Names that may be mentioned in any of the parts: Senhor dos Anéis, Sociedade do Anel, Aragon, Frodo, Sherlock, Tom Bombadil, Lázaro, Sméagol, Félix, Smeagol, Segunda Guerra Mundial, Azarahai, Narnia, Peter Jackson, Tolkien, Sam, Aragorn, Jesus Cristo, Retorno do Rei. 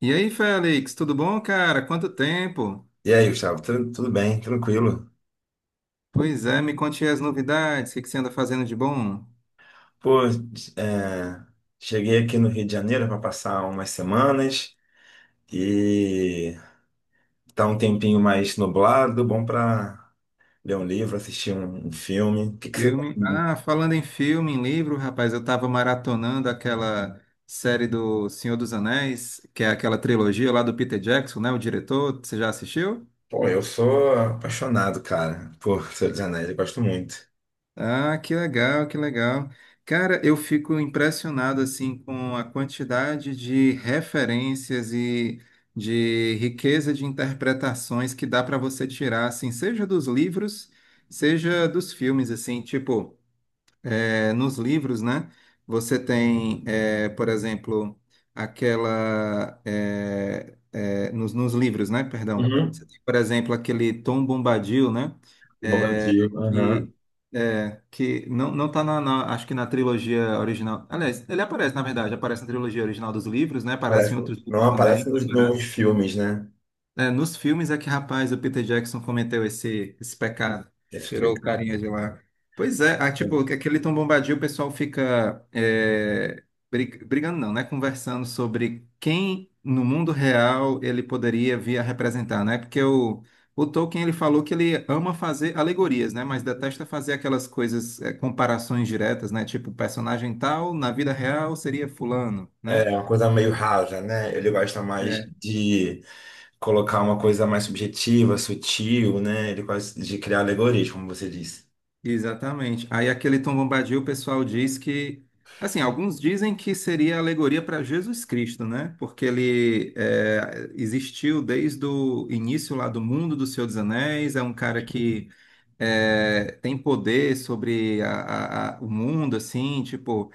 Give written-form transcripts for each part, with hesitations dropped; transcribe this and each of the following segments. E aí, Félix, tudo bom, cara? Quanto tempo? E aí, Gustavo, tudo bem? Tranquilo? Pois é, me conte aí as novidades, o que que você anda fazendo de bom? Pô, é, cheguei aqui no Rio de Janeiro para passar umas semanas e tá um tempinho mais nublado, bom para ler um livro, assistir um filme. O que que você Filme? tem? Ah, falando em filme, em livro, rapaz, eu tava maratonando aquela série do Senhor dos Anéis, que é aquela trilogia lá do Peter Jackson, né, o diretor, você já assistiu? Pô, eu sou apaixonado, cara, por Senhor dos Anéis, eu gosto muito. Ah, que legal, que legal. Cara, eu fico impressionado assim com a quantidade de referências e de riqueza de interpretações que dá para você tirar, assim, seja dos livros, seja dos filmes, assim, tipo, é, nos livros, né? Você tem, é, por exemplo, aquela é, nos livros, né? Perdão. Você Uhum. tem, por exemplo, aquele Tom Bombadil, né? Bobadil, aham. que que não tá na, acho que na trilogia original. Aliás, ele aparece, na verdade, aparece na trilogia original dos livros, né? Aparece Aparece, em outros não livros aparece também, nos separados. filmes, né? É, nos filmes é que, rapaz, o Peter Jackson cometeu esse pecado. Esse Tirou o fica- carinha de lá. Pois é, ah, tipo, aquele Tom Bombadil, o pessoal fica é, brigando, não, né? Conversando sobre quem no mundo real ele poderia vir a representar, né? Porque o Tolkien, ele falou que ele ama fazer alegorias, né? Mas detesta fazer aquelas coisas, é, comparações diretas, né? Tipo, personagem tal, na vida real seria fulano, É né? é uma coisa meio rasa, né? Ele gosta mais de colocar uma coisa mais subjetiva, sutil, né? Ele quase de criar alegoria, como você disse. Exatamente. Aí aquele Tom Bombadil, o pessoal diz que, assim, alguns dizem que seria alegoria para Jesus Cristo, né? Porque ele é, existiu desde o início lá do mundo do Senhor dos Anéis, é um cara que é, tem poder sobre o mundo, assim, tipo,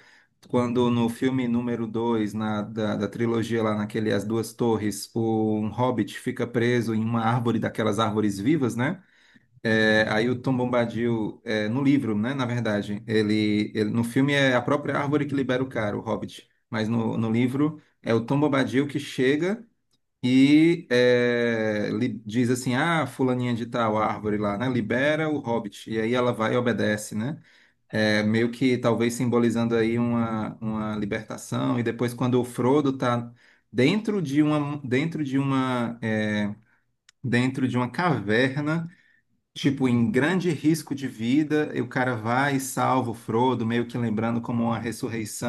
quando no filme número 2 da trilogia lá naquele As Duas Torres, um hobbit fica preso em uma árvore daquelas árvores vivas, né? É, aí o Tom Bombadil, é, no livro, né, na verdade, no filme é a própria árvore que libera o cara, o Hobbit, mas no livro é o Tom Bombadil que chega e diz assim, ah, fulaninha de tal árvore lá, né, libera o Hobbit, e aí ela vai e obedece, né, é, meio que talvez simbolizando aí uma libertação, e depois quando o Frodo tá dentro de uma, dentro de uma, é, dentro de uma caverna. Tipo, em grande risco de vida, e o cara vai e salva o Frodo, meio que lembrando como uma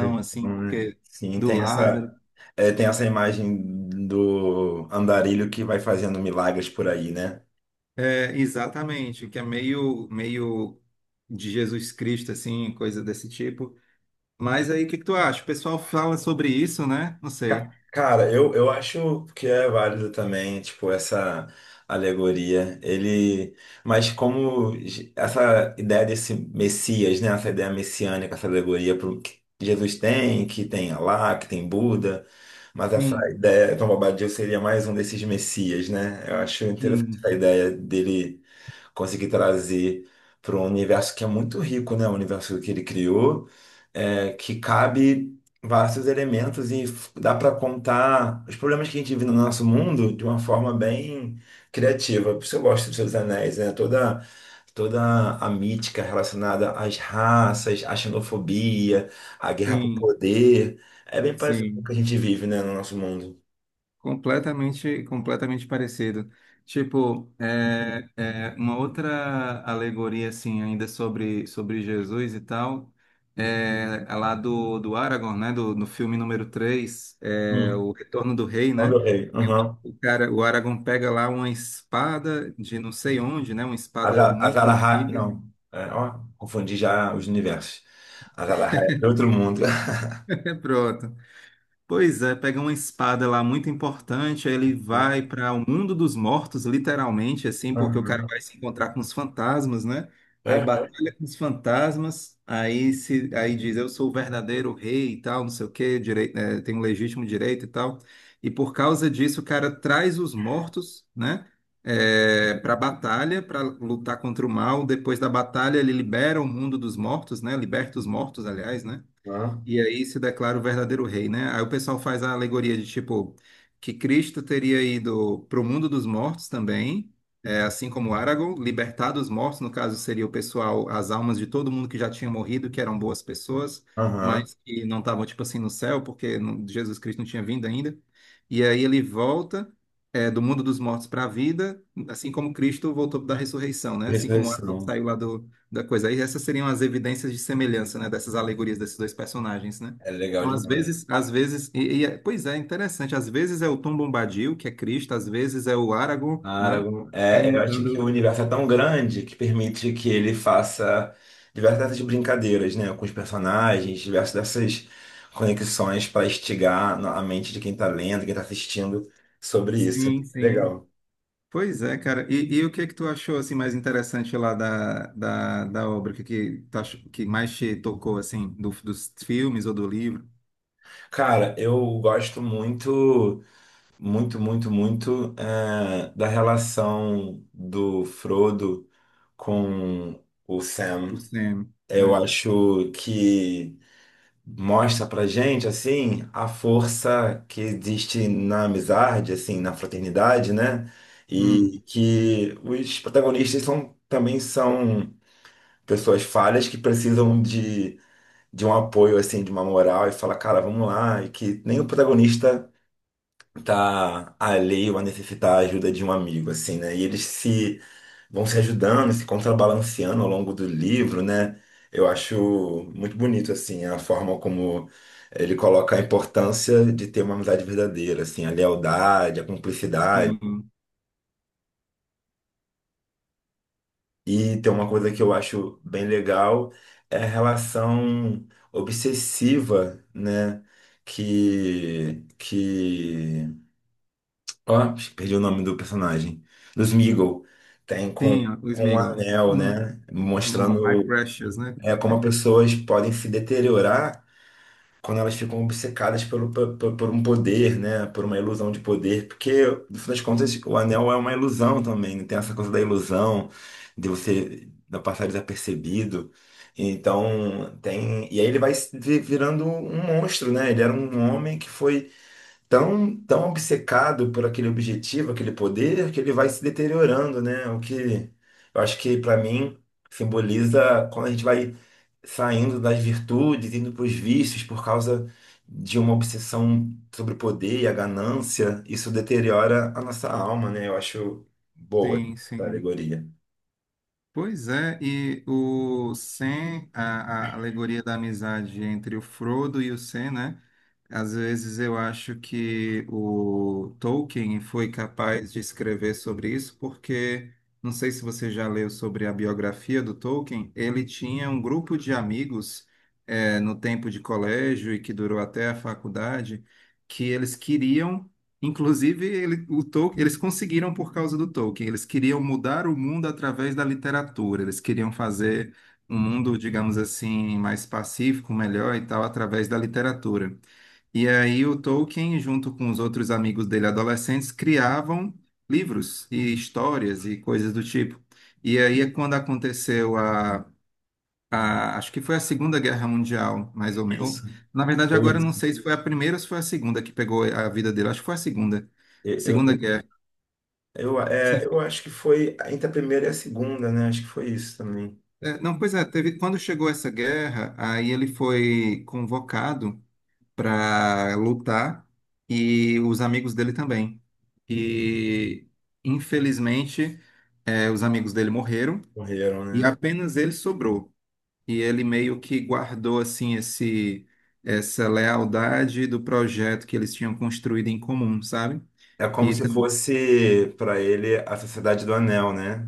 Sim. assim, Então, né? porque Sim, do tem essa, Lázaro. é, tem essa imagem do andarilho que vai fazendo milagres por aí, né? É, exatamente, que é meio, meio de Jesus Cristo, assim, coisa desse tipo. Mas aí, o que que tu acha? O pessoal fala sobre isso, né? Não sei. Cara, eu acho que é válido também, tipo, essa alegoria. Ele, mas como essa ideia desse Messias, né? Essa ideia messiânica, essa alegoria que Jesus tem, que tem Alá, que tem Buda. Mas essa Sim, ideia, Tom Bobadil seria mais um desses messias, né? Eu acho interessante sim, essa ideia dele conseguir trazer para um universo que é muito rico, né? O universo que ele criou, é, que cabe vários elementos e dá para contar os problemas que a gente vive no nosso mundo de uma forma bem criativa. Por isso eu gosto dos Seus Anéis, né? Toda a mítica relacionada às raças, à xenofobia, à guerra por sim, poder, é bem parecido com o que sim. a gente vive, né, no nosso mundo. Completamente, completamente parecido. Tipo, é uma outra alegoria, assim, ainda sobre Jesus e tal, é a lá do Aragorn, né? No filme número 3 é, Hum, O Retorno do Rei, olha né? o rei. E o cara, o Aragorn pega lá uma espada de não sei onde, né? Uma espada muito Azarahai, antiga. não. É, ó, confundi já os universos. Azarahai é outro mundo. É pronto. Pois é, pega uma espada lá muito importante, aí ele vai Aham, para o mundo dos mortos, literalmente, assim, porque o cara aham, vai se encontrar com os fantasmas, né? é, Aí é, batalha com os fantasmas, aí se, aí diz eu sou o verdadeiro rei e tal, não sei o quê, direito, é, tem um legítimo direito e tal. E por causa disso, o cara traz os mortos, né? É, para batalha, para lutar contra o mal. Depois da batalha, ele libera o mundo dos mortos, né? Liberta os mortos, aliás, né? aham, E aí se declara o verdadeiro rei, né? Aí o pessoal faz a alegoria de tipo que Cristo teria ido para o mundo dos mortos também, é, assim como Aragorn, libertar dos mortos, no caso seria o pessoal, as almas de todo mundo que já tinha morrido, que eram boas pessoas, aham. mas que não estavam tipo assim no céu, porque Jesus Cristo não tinha vindo ainda. E aí ele volta é, do mundo dos mortos para a vida, assim como Cristo voltou da ressurreição, né? Assim como Aragorn Ressurreição. saiu lá do da coisa. Aí essas seriam as evidências de semelhança, né, dessas alegorias desses dois personagens, né? É legal Então, demais. Às vezes, pois é, interessante. Às vezes é o Tom Bombadil, que é Cristo, às vezes é o Aragorn, né? Aragon, Vai é, é, eu acho que o mudando. universo é tão grande que permite que ele faça diversas brincadeiras, né, com os personagens, diversas dessas conexões para instigar a mente de quem está lendo, quem está assistindo sobre isso. Sim, É sim. legal. Pois é, cara. E o que é que tu achou assim mais interessante lá da obra? O que é que, que mais te tocou assim dos filmes ou do livro? Cara, eu gosto muito. Muito, muito, muito eh, da relação do Frodo com o Sam. O Sam, Eu né? acho que mostra pra gente, assim, a força que existe na amizade, assim, na fraternidade, né? E Hum, que os protagonistas são, também são pessoas falhas que precisam de um apoio, assim, de uma moral, e fala, cara, vamos lá, e que nem o protagonista tá alheio a necessitar a ajuda de um amigo, assim, né? E eles se vão se ajudando, se contrabalanceando ao longo do livro, né? Eu acho muito bonito, assim, a forma como ele coloca a importância de ter uma amizade verdadeira, assim, a lealdade, a cumplicidade. sim, E tem uma coisa que eu acho bem legal, é a relação obsessiva, né? Que ó, acho que perdi o nome do personagem. Do Smeagol. Tem sim, o com um Sméagol. anel, Hum, né? Hum, my Mostrando precious, né? é, como as pessoas podem se deteriorar quando elas ficam obcecadas pelo, por um poder, né? Por uma ilusão de poder. Porque, no fim das contas, o anel é uma ilusão também, né? Tem essa coisa da ilusão, de você da passar desapercebido. Então, tem. E aí ele vai se vi- virando um monstro, né? Ele era um homem que foi tão, tão obcecado por aquele objetivo, aquele poder, que ele vai se deteriorando, né? O que eu acho que para mim simboliza quando a gente vai saindo das virtudes, indo para os vícios por causa de uma obsessão sobre o poder e a ganância, isso deteriora a nossa alma, né? Eu acho boa Sim, essa sim. alegoria. Pois é, e o Sam, a alegoria da amizade entre o Frodo e o Sam, né? Às vezes eu acho que o Tolkien foi capaz de escrever sobre isso, porque não sei se você já leu sobre a biografia do Tolkien, ele tinha um grupo de amigos no tempo de colégio e que durou até a faculdade, que eles queriam. Inclusive, o Tolkien, eles conseguiram por causa do Tolkien. Eles queriam mudar o mundo através da literatura. Eles queriam fazer um mundo, digamos assim, mais pacífico, melhor e tal, através da literatura. E aí o Tolkien, junto com os outros amigos dele, adolescentes, criavam livros e histórias e coisas do tipo. E aí é quando aconteceu acho que foi a Segunda Guerra Mundial, mais ou menos. Isso, Na verdade, foi agora eu não isso. sei se foi a primeira ou se foi a segunda que pegou a vida dele. Acho que foi a segunda. Eu, eu, Segunda Guerra. É, Sim. eu acho que foi entre a primeira e a segunda, né? Acho que foi isso também. É, não, pois é, teve, quando chegou essa guerra, aí ele foi convocado para lutar e os amigos dele também. E, infelizmente, é, os amigos dele morreram Morreram, e né? apenas ele sobrou. E ele meio que guardou assim esse essa lealdade do projeto que eles tinham construído em comum, sabe? É como E se também, fosse para ele a Sociedade do Anel, né?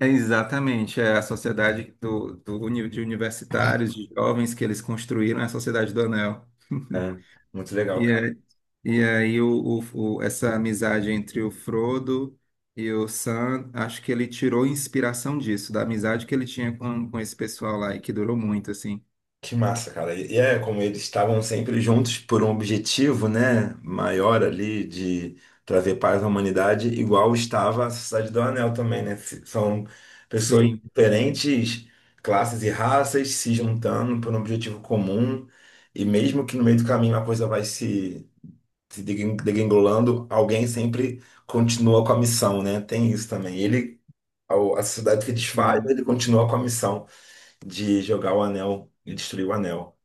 é exatamente, é a sociedade de universitários, de jovens que eles construíram, é a Sociedade do Anel. É, muito legal, E, cara. é, e aí essa amizade entre o Frodo e o Sam, acho que ele tirou inspiração disso, da amizade que ele tinha com esse pessoal lá e que durou muito, assim. Que massa, cara. E é como eles estavam sempre juntos por um objetivo, né, maior ali de trazer paz à humanidade, igual estava a Sociedade do Anel também, né? São pessoas de Sim, diferentes, classes e raças se juntando por um objetivo comum, e mesmo que no meio do caminho a coisa vai se degringolando, alguém sempre continua com a missão, né? Tem isso também. Ele a sociedade que desfaz, sim. ele continua com a missão de jogar o anel e destruir o anel.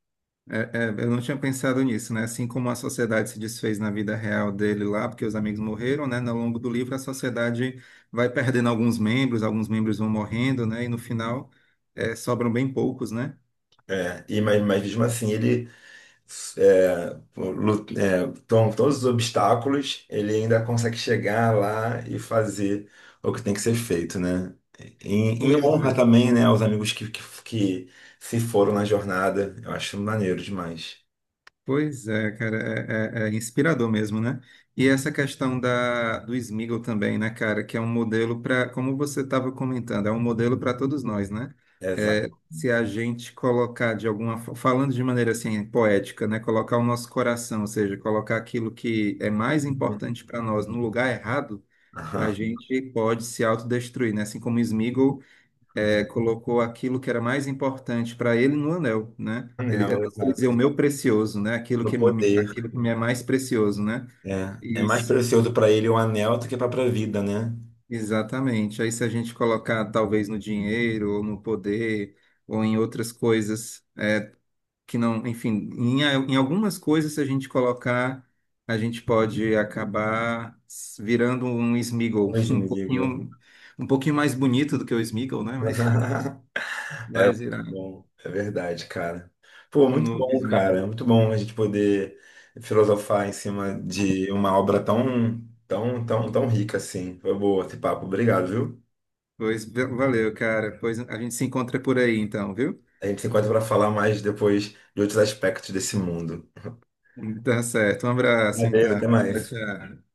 É, é, eu não tinha pensado nisso, né? Assim como a sociedade se desfez na vida real dele lá, porque os amigos morreram, né? No longo do livro, a sociedade vai perdendo alguns membros vão morrendo, né? E no final, é, sobram bem poucos, né? É, e, mas mesmo assim, ele é, é, com todos os obstáculos, ele ainda consegue chegar lá e fazer o que tem que ser feito, né? Em, em Pois honra é. também, né, aos amigos que se foram na jornada. Eu acho maneiro demais. Pois é, cara, é inspirador mesmo, né? E essa questão do Smiggle também, né, cara, que é um modelo para, como você estava comentando, é um modelo para todos nós, né? É, Exato. se a gente colocar de alguma, falando de maneira assim poética, né, colocar o nosso coração, ou seja, colocar aquilo que é mais Uhum. importante para nós no lugar errado, a gente pode se autodestruir, né? Assim como o Smiggle é, colocou aquilo que era mais importante para ele no anel, né? Ele é Anel, tanto ele dizer exato. o meu precioso, né? Aquilo No que me, aquilo poder. que me é mais precioso, né? É, é mais Isso, precioso para ele o anel do que a própria vida, né? exatamente. Aí se a gente colocar talvez no dinheiro ou no poder ou em outras coisas que não, enfim, em algumas coisas se a gente colocar. A gente pode acabar virando um Smeagol, Hoje, um amigo. pouquinho, um pouquinho mais bonito do que o Smeagol, né? Mas É vai muito virar bom, é verdade, cara. Pô, um muito novo bom, cara. Smeagol. É muito bom a gente poder filosofar em cima de uma obra tão, tão, tão, tão rica assim. Foi boa esse papo. Obrigado, viu? Pois valeu, cara. Pois a gente se encontra por aí então, viu? A gente se encontra para falar mais depois de outros aspectos desse mundo. Tá certo. Um abraço, Valeu, então. até Tchau, mais. tchau.